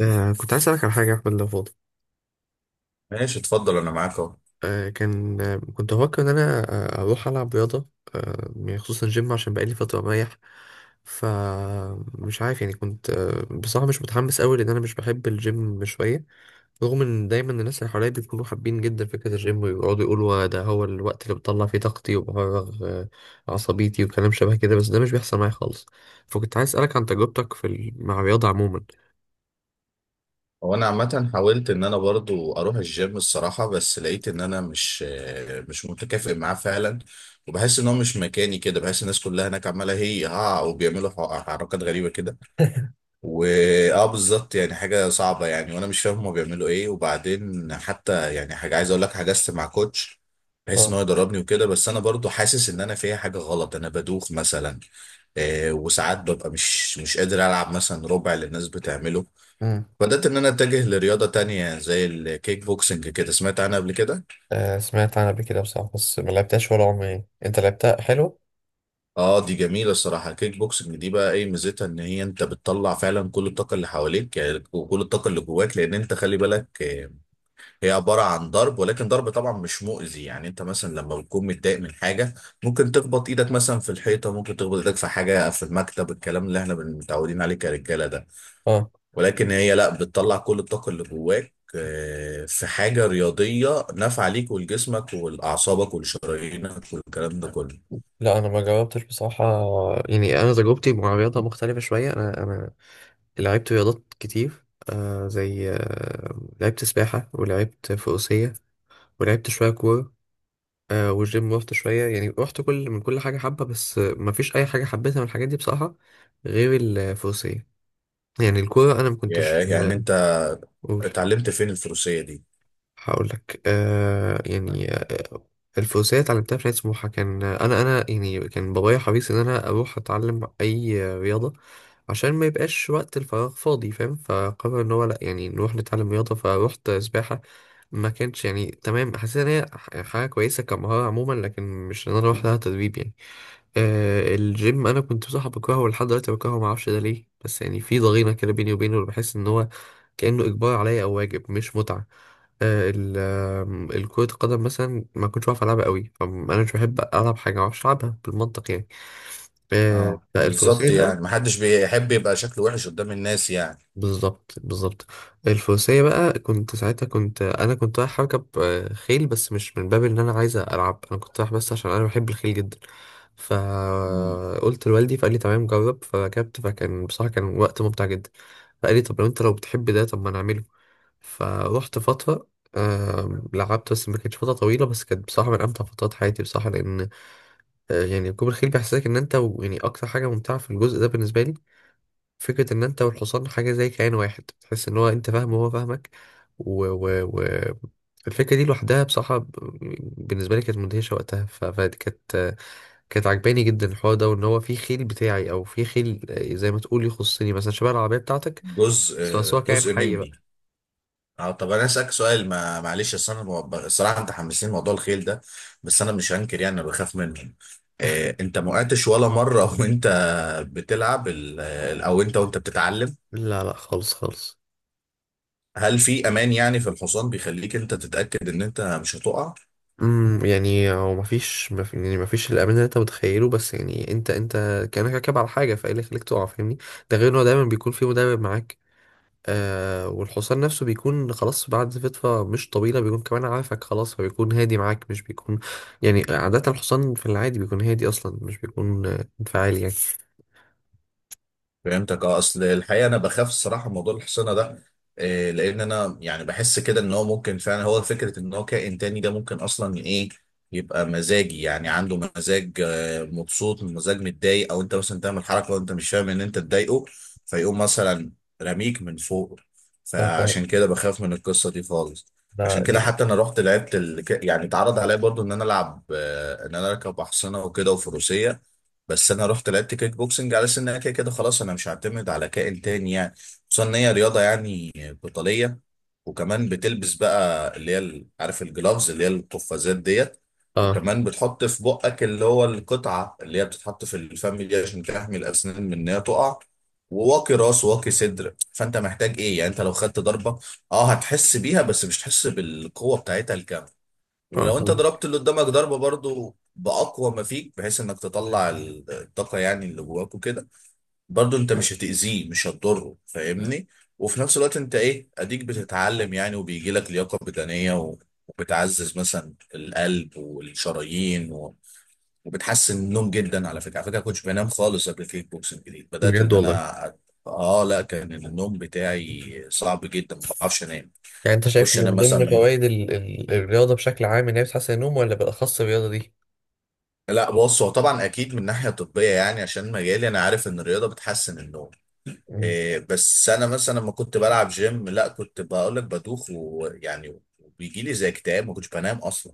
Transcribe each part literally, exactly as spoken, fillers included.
آه كنت عايز أسألك على حاجة يا أحمد لو فاضي. ماشي اتفضل انا معاك اهو. آه كان آه كنت بفكر إن أنا آه أروح ألعب رياضة، آه يعني خصوصا جيم، عشان بقالي فترة مريح. فمش عارف، يعني كنت آه بصراحة مش متحمس أوي، لأن أنا مش بحب الجيم شوية، رغم إن دايما الناس اللي حواليا بيكونوا حابين جدا فكرة الجيم ويقعدوا يقولوا "آه، ده هو الوقت اللي بطلع فيه طاقتي وبفرغ آه عصبيتي" وكلام شبه كده، بس ده مش بيحصل معايا خالص. فكنت عايز أسألك عن تجربتك في ال- مع الرياضة عموما. هو انا عامه حاولت ان انا برضو اروح الجيم الصراحه، بس لقيت ان انا مش مش متكافئ معاه فعلا. وبحس ان هو مش مكاني كده، بحس الناس كلها هناك عماله هي ها وبيعملوا ح- حركات غريبه كده. واه بالظبط، يعني حاجه صعبه يعني، وانا مش فاهم هما بيعملوا ايه. وبعدين حتى يعني حاجه عايز اقول لك، حجزت مع كوتش بحيث ان هو اه، يدربني وكده، بس انا برضو حاسس ان انا فيها حاجه غلط. انا بدوخ مثلا، آه، وساعات ببقى مش مش قادر العب مثلا ربع اللي الناس بتعمله. بدأت إن أنا أتجه لرياضة تانية زي الكيك بوكسنج كده. سمعت عنها قبل كده؟ آه، سمعت عنها قبل كده بصراحة، بس ما لعبتهاش ولا عمري. يعني انت لعبتها حلو؟ آه دي جميلة الصراحة. الكيك بوكسنج دي بقى إيه ميزتها؟ إن هي أنت بتطلع فعلا كل الطاقة اللي حواليك يعني، وكل الطاقة اللي جواك. لأن أنت خلي بالك آه، هي عبارة عن ضرب، ولكن ضرب طبعا مش مؤذي. يعني أنت مثلا لما بتكون متضايق من حاجة، ممكن تخبط إيدك مثلا في الحيطة، ممكن تخبط إيدك في حاجة في المكتب، الكلام اللي إحنا متعودين عليه كرجالة ده. اه. ولكن هي لا، بتطلع كل الطاقة اللي جواك آه، في حاجة رياضية نافعة ليك ولجسمك ولأعصابك ولشرايينك والكلام ده كله. لا انا ما جربتش بصراحة. يعني انا تجربتي مع الرياضة مختلفة شوية. انا انا لعبت رياضات كتير، آه زي آه لعبت سباحة، ولعبت فروسية، ولعبت شوية كورة، آه والجيم رحت شوية. يعني رحت كل من كل حاجة حبة، بس آه، ما فيش اي حاجة حبيتها من الحاجات دي بصراحة، غير الفروسية. يعني الكورة انا ما كنتش. يا- يعني انت قول. اتعلمت فين الفروسية دي؟ هقول لك آه يعني آه الفروسية اتعلمتها في نادي سموحة. كان أنا أنا يعني كان بابايا حريص إن أنا أروح أتعلم أي رياضة عشان ما يبقاش وقت الفراغ فاضي، فاهم؟ فقرر إن هو لأ، يعني نروح نتعلم رياضة، فروحت سباحة. ما كانش يعني تمام، حسيت إن هي ح- حاجة كويسة كمهارة عموما، لكن مش إن أنا أروح لها تدريب يعني. آه الجيم أنا كنت بصراحة بكرهه، ولحد دلوقتي بكرهه، معرفش ده ليه، بس يعني في ضغينة كده بيني وبينه، بحس إن هو كأنه إجبار عليا أو واجب مش متعة. آه، ال آم، الكرة القدم مثلا ما كنتش بعرف ألعبها قوي. أم- أنا مش بحب ألعب حاجة ما بعرفش ألعبها بالمنطق يعني. آه، اه بقى بالظبط، الفروسية يعني بقى. محدش بيحب يبقى شكله وحش قدام الناس يعني. بالظبط بالظبط. الفروسية بقى كنت ساعتها، كنت أنا كنت رايح أركب آه، خيل، بس مش من باب إن أنا عايز ألعب، أنا كنت رايح بس عشان أنا بحب الخيل جدا. مم. فقلت لوالدي فقال لي تمام جرب، فركبت، فكان بصراحة كان وقت ممتع جدا. فقال لي طب لو أنت لو بتحب ده، طب ما نعمله. فروحت فترة، آم، لعبت. بس ما كانتش فترة طويلة، بس كانت بصراحة من أمتع فترات حياتي بصراحة. لأن آه، يعني ركوب الخيل بيحسسك إن أنت و- يعني أكتر حاجة ممتعة في الجزء ده بالنسبة لي فكرة إن أنت والحصان حاجة زي كيان واحد، تحس إن هو أنت فاهمه وهو فاهمك. و... و... و... الفكرة دي لوحدها بصراحة ب- بالنسبة لي كانت مدهشة وقتها. ف... فكانت آه، كانت عجباني جدا الحوار ده، وان هو في خيل بتاعي، او في خيل آه، زي ما تقول يخصني مثلا، شبه العربيه بتاعتك. جزء بس هو بس آه، هو كائن جزء حي مني. بقى. اه طب انا اسالك سؤال، ما معلش، اصل انا ب- الصراحه انت حمسين موضوع الخيل ده، بس انا مش هنكر يعني انا بخاف منه. آه، انت ما وقعتش ولا مره وانت بتلعب ال- ال- او انت وانت بتتعلم؟ لا لا، خالص خالص. هل في امان يعني في الحصان بيخليك انت تتاكد ان انت مش هتقع؟ امم، يعني هو مفيش مف... يعني مفيش الامان اللي انت متخيله، بس يعني انت انت كانك راكب على حاجه، فايه اللي يخليك تقع؟ فاهمني. ده غير انه دايما بيكون في مدرب معاك، آه، والحصان نفسه بيكون خلاص بعد فتره مش طويله بيكون كمان عارفك خلاص، فبيكون هادي معاك، مش بيكون، يعني عاده الحصان في العادي بيكون هادي اصلا، مش بيكون آه، انفعالي يعني. فهمتك. اه اصل الحقيقه انا بخاف الصراحه من موضوع الحصانه ده. إيه لان انا يعني بحس كده ان هو ممكن فعلا، هو فكره ان هو كائن تاني ده، ممكن اصلا ايه، يبقى مزاجي يعني، عنده مزاج آه، مبسوط، مزاج متضايق، او انت مثلا تعمل حركه وانت مش فاهم ان انت تضايقه، فيقوم مثلا رميك من فوق. أنا فاهم. فعشان كده بخاف من القصه دي خالص. ده عشان كده دي- حتى انا رحت لعبت ال... يعني اتعرض عليا برضو ان انا العب آه، ان انا اركب احصنه وكده وفروسيه، بس انا رحت لعبت كيك بوكسنج على اساس انها كده كده خلاص انا مش هعتمد على كائن تاني يعني. خصوصا ان هي رياضه يعني قتاليه، وكمان بتلبس بقى اللي هي ال- عارف الجلافز اللي هي القفازات ديت. اه. وكمان بتحط في بقك اللي هو القطعه اللي هي بتتحط في الفم دي عشان تحمي الاسنان من ان هي تقع. وواقي راس وواقي صدر. فانت محتاج ايه يعني؟ انت لو خدت ضربه اه هتحس بيها، بس مش هتحس بالقوه بتاعتها. اه ولو انت فهمت. ضربت اللي قدامك ضربه برضو باقوى ما فيك، بحيث انك تطلع ال- الطاقه يعني اللي جواك وكده، برضو انت مش هتاذيه، مش هتضره، فاهمني. وفي نفس الوقت انت ايه، اديك بتتعلم يعني، وبيجي لك لياقه بدنيه، و- وبتعزز مثلا القلب والشرايين، و... وبتحسن النوم جدا. على فكره على فكره، ما كنتش بنام خالص قبل الكيك بوكسنج، جديد بدات بجد ان والله. انا، اه لا كان النوم بتاعي صعب جدا، ما بعرفش انام يعني انت شايف اخش انام من ضمن مثلا. فوائد ال- ال- الرياضه بشكل عام ان هي بتحسن النوم، ولا بالاخص الرياضه لا بص، هو طبعا اكيد من ناحيه طبيه يعني عشان مجالي، انا عارف ان الرياضه بتحسن النوم. دي؟ إيه بس انا مثلا لما كنت بلعب جيم لا، كنت بقول لك بدوخ ويعني وبيجي لي زي اكتئاب، ما كنتش بنام اصلا.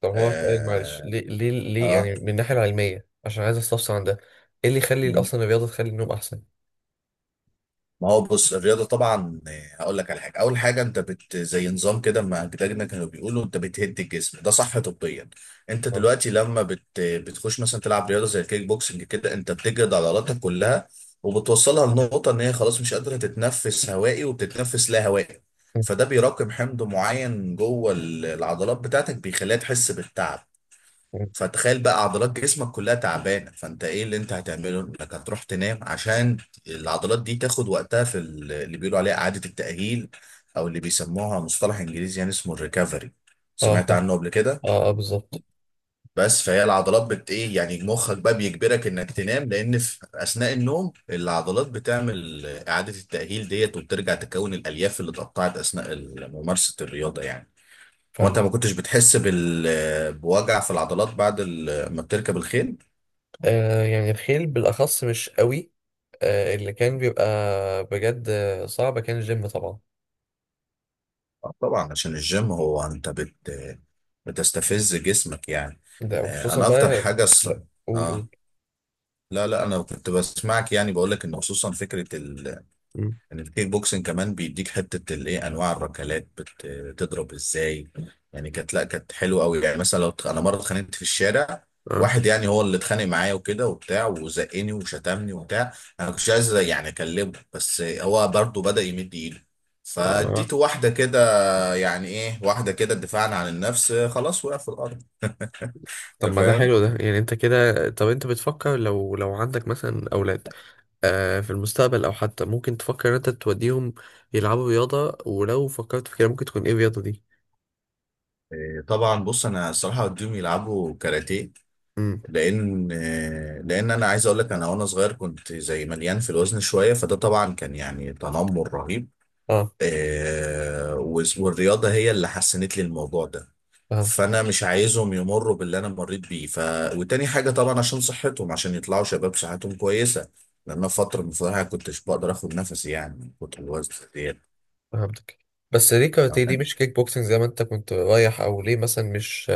طب هو سؤال، معلش، اه، ليه ليه ليه آه. يعني من الناحية العلمية، عشان عايز استفسر عن ده، ايه اللي يخلي اصلا الرياضة تخلي النوم احسن؟ ما هو بص الرياضة طبعا آه، هقول لك على حاجة. أول حاجة أنت بت زي نظام كده ما أجدادنا كانوا بيقولوا، أنت بتهد الجسم ده صح طبيا. أنت اه. دلوقتي لما بت بتخش مثلا تلعب رياضة زي الكيك بوكسنج كده، أنت بتجرد عضلاتك كلها وبتوصلها لنقطة إن هي خلاص مش قادرة تتنفس هوائي، وبتتنفس لا هوائي. فده بيراكم حمض معين جوه ال- العضلات بتاعتك، بيخليها تحس بالتعب. فتخيل بقى عضلات جسمك كلها تعبانه، فانت ايه اللي انت هتعمله؟ انك هتروح تنام عشان العضلات دي تاخد وقتها في ال- اللي بيقولوا عليها اعاده التاهيل، او اللي بيسموها مصطلح انجليزي يعني اسمه الريكفري. اه صح. سمعت عنه قبل كده؟ اه، آه بالظبط. بس فهي العضلات بت ايه يعني مخك بقى بيجبرك انك تنام، لان في اثناء النوم العضلات بتعمل اعاده التاهيل ديت، وبترجع تكون الالياف اللي اتقطعت اثناء ممارسه الرياضه يعني. هو انت فاهم. ما كنتش بتحس بال بوجع في العضلات بعد ال- ما بتركب الخيل؟ آه يعني الخيل بالاخص مش قوي، آه اللي كان بيبقى، بجد آه، صعب كان الجيم طبعا. آه، طبعا عشان الجيم هو انت بت بتستفز جسمك يعني. ده آه، وخصوصا انا اكتر بقى. حاجه ص... لا قول قول. اه لا لا انا كنت بسمعك يعني. بقول لك ان خصوصا فكره ال... مم. ان الكيك بوكسنج كمان بيديك حته الايه، انواع الركلات بت... بتضرب ازاي. يعني كانت، لا كانت حلوه قوي يعني. مثلا لو ت- انا مره اتخانقت في الشارع، اه. واحد يعني هو اللي اتخانق معايا وكده وبتاع، وزقني وشتمني وبتاع. انا كنتش عايز يعني اكلمه، بس هو برضه بدأ يمد ايده، اه فاديته واحده كده. يعني ايه واحده كده؟ دفاعا عن النفس آه، خلاص وقع في الارض. طب انت ما ده فاهم. حلو ده. يعني انت كده، طب انت بتفكر لو لو عندك مثلا اولاد آه، في المستقبل، او حتى ممكن تفكر ان انت توديهم يلعبوا رياضة؟ ولو فكرت في كده، ممكن تكون ايه الرياضة دي؟ آه، طبعا بص انا الصراحه وديهم يلعبوا كاراتيه، امم. لان آه، لان انا عايز اقول لك، انا وانا صغير كنت زي مليان في الوزن شويه، فده طبعا كان يعني تنمر رهيب. اه آه، وس- والرياضه هي اللي حسنت لي الموضوع ده. فهمتك. فانا مش عايزهم يمروا باللي انا مريت بيه ف. وتاني حاجه طبعا عشان صحتهم، عشان يطلعوا شباب صحتهم كويسه، لان أنا فتره من فترة كنتش بقدر اخد نفسي يعني من كتر الوزن. فهمتك، بس ليه كاراتيه؟ ليه ديت مش كيك بوكسنج زي ما انت كنت رايح؟ او ليه مثلا مش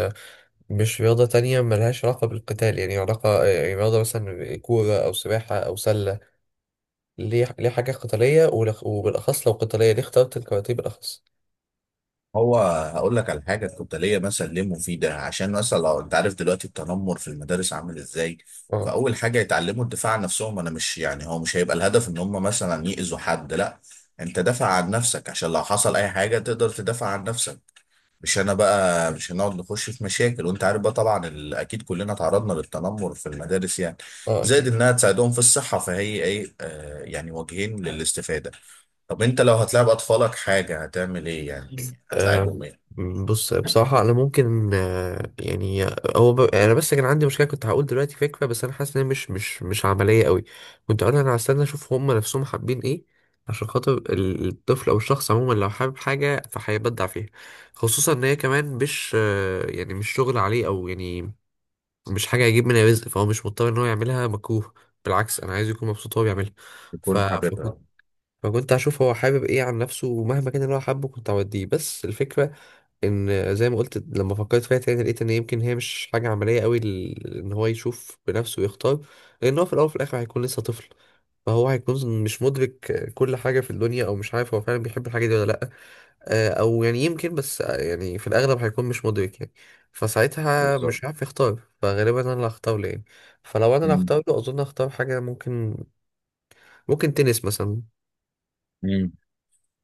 مش رياضة تانية ملهاش علاقة بالقتال، يعني علاقة آه، يعني رياضة مثلا كورة او سباحة او سلة؟ ليه ليه حاجة قتالية؟ ولخ- وبالاخص لو قتالية، ليه اخترت الكاراتيه بالاخص؟ هو هقول لك على حاجه كنت ليا مثلا ليه مفيده. عشان مثلا لو انت عارف دلوقتي التنمر في المدارس عامل ازاي، اه. فاول حاجه يتعلموا الدفاع عن نفسهم. انا مش يعني، هو مش هيبقى الهدف ان هم مثلا يأذوا حد لا، انت دافع عن نفسك عشان لو حصل اي حاجه تقدر تدافع عن نفسك. مش انا بقى مش هنقعد نخش في مشاكل، وانت عارف بقى طبعا ال- اكيد كلنا تعرضنا للتنمر في المدارس يعني. اه زائد اكيد. انها تساعدهم في الصحه، فهي ايه آه يعني وجهين للاستفاده. طب انت لو هتلعب اطفالك حاجه هتعمل ايه؟ يعني آه، هتلعبهم ايه؟ بص بصراحة أنا ممكن آه، يعني هو ب... أنا بس كان عندي مشكلة، كنت هقول دلوقتي فكرة بس أنا حاسس إن هي مش مش مش عملية قوي. كنت أقول أنا هستنى أشوف هما نفسهم حابين إيه، عشان خاطر ال- الطفل أو الشخص عموما لو حابب حاجة فهيبدع فيها، خصوصا إن هي كمان مش آه، يعني مش شغل عليه، أو يعني مش حاجة هيجيب منها رزق، فهو مش مضطر إن هو يعملها مكروه، بالعكس أنا عايز يكون مبسوط وهو بيعملها. ف... يكون فكنت، حاببها. فكنت هشوف هو حابب إيه عن نفسه، ومهما كان اللي هو حابه كنت هوديه. بس الفكرة ان زي ما قلت، لما فكرت فيها تاني لقيت ان يمكن هي مش حاجه عمليه قوي ل- ان هو يشوف بنفسه ويختار، لان هو في الاول وفي الاخر هيكون لسه طفل، فهو هيكون مش مدرك كل حاجه في الدنيا، او مش عارف هو فعلا بيحب الحاجه دي ولا لا. آه، او يعني يمكن بس آه، يعني في الاغلب هيكون مش مدرك يعني، فساعتها بالظبط. مش عارف يختار، فغالبا انا اللي هختار له يعني. فلو انا اللي مم. هختار له، اظن هختار حاجه ممكن، ممكن تنس مثلا. مم.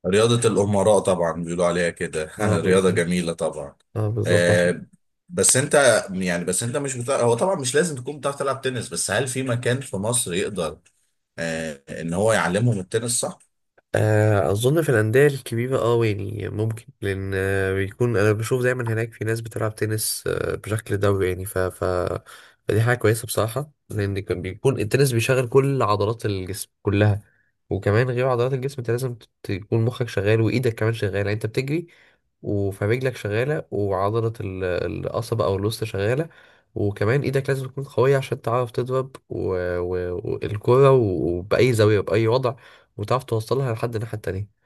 رياضة الأمراء طبعا بيقولوا عليها كده. اه رياضة بالظبط. جميلة طبعا. اه بالظبط عشان آه بس أنت، يعني بس أنت مش بتاع، هو طبعا مش لازم تكون بتعرف تلعب تنس، بس هل في مكان في مصر يقدر آه إن هو يعلمهم التنس، صح؟ آه، اظن في الانديه الكبيره اه يعني ممكن، لان آه، بيكون انا بشوف دايما هناك في ناس بتلعب تنس آه، بشكل دوري يعني. ف... ف... فدي حاجه كويسه بصراحه، لان كان بيكون التنس بيشغل كل عضلات الجسم كلها. وكمان غير عضلات الجسم، انت لازم ت- تكون مخك شغال، وايدك كمان شغاله، يعني انت بتجري وفرجلك شغاله، وعضله ال- القصبه او الوسط شغاله، وكمان ايدك لازم تكون قويه عشان تعرف تضرب و... و... والكره وباي زاويه باي وضع، وتعرف توصلها لحد الناحية التانية.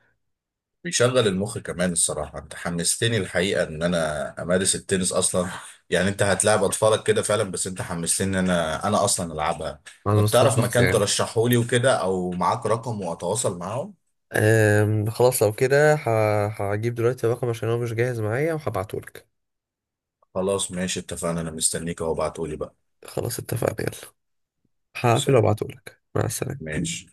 بيشغل المخ كمان الصراحة. أنت حمستني الحقيقة إن أنا أمارس التنس أصلا. يعني أنت هتلاعب أطفالك كده فعلا، بس أنت حمستني إن أنا أنا أصلا ألعبها. على طب مستوى تعرف شخصي مكان يعني. ترشحه لي وكده، أو معاك رقم وأتواصل معاهم؟ أم خلاص لو كده ه- هجيب دلوقتي الرقم، عشان هو مش جاهز معايا وهبعتهولك. خلاص ماشي، اتفقنا. انا مستنيك اهو، ابعتهولي بقى. خلاص اتفقنا، يلا، هقفل سلام. وابعتهولك. مع السلامة. ماشي.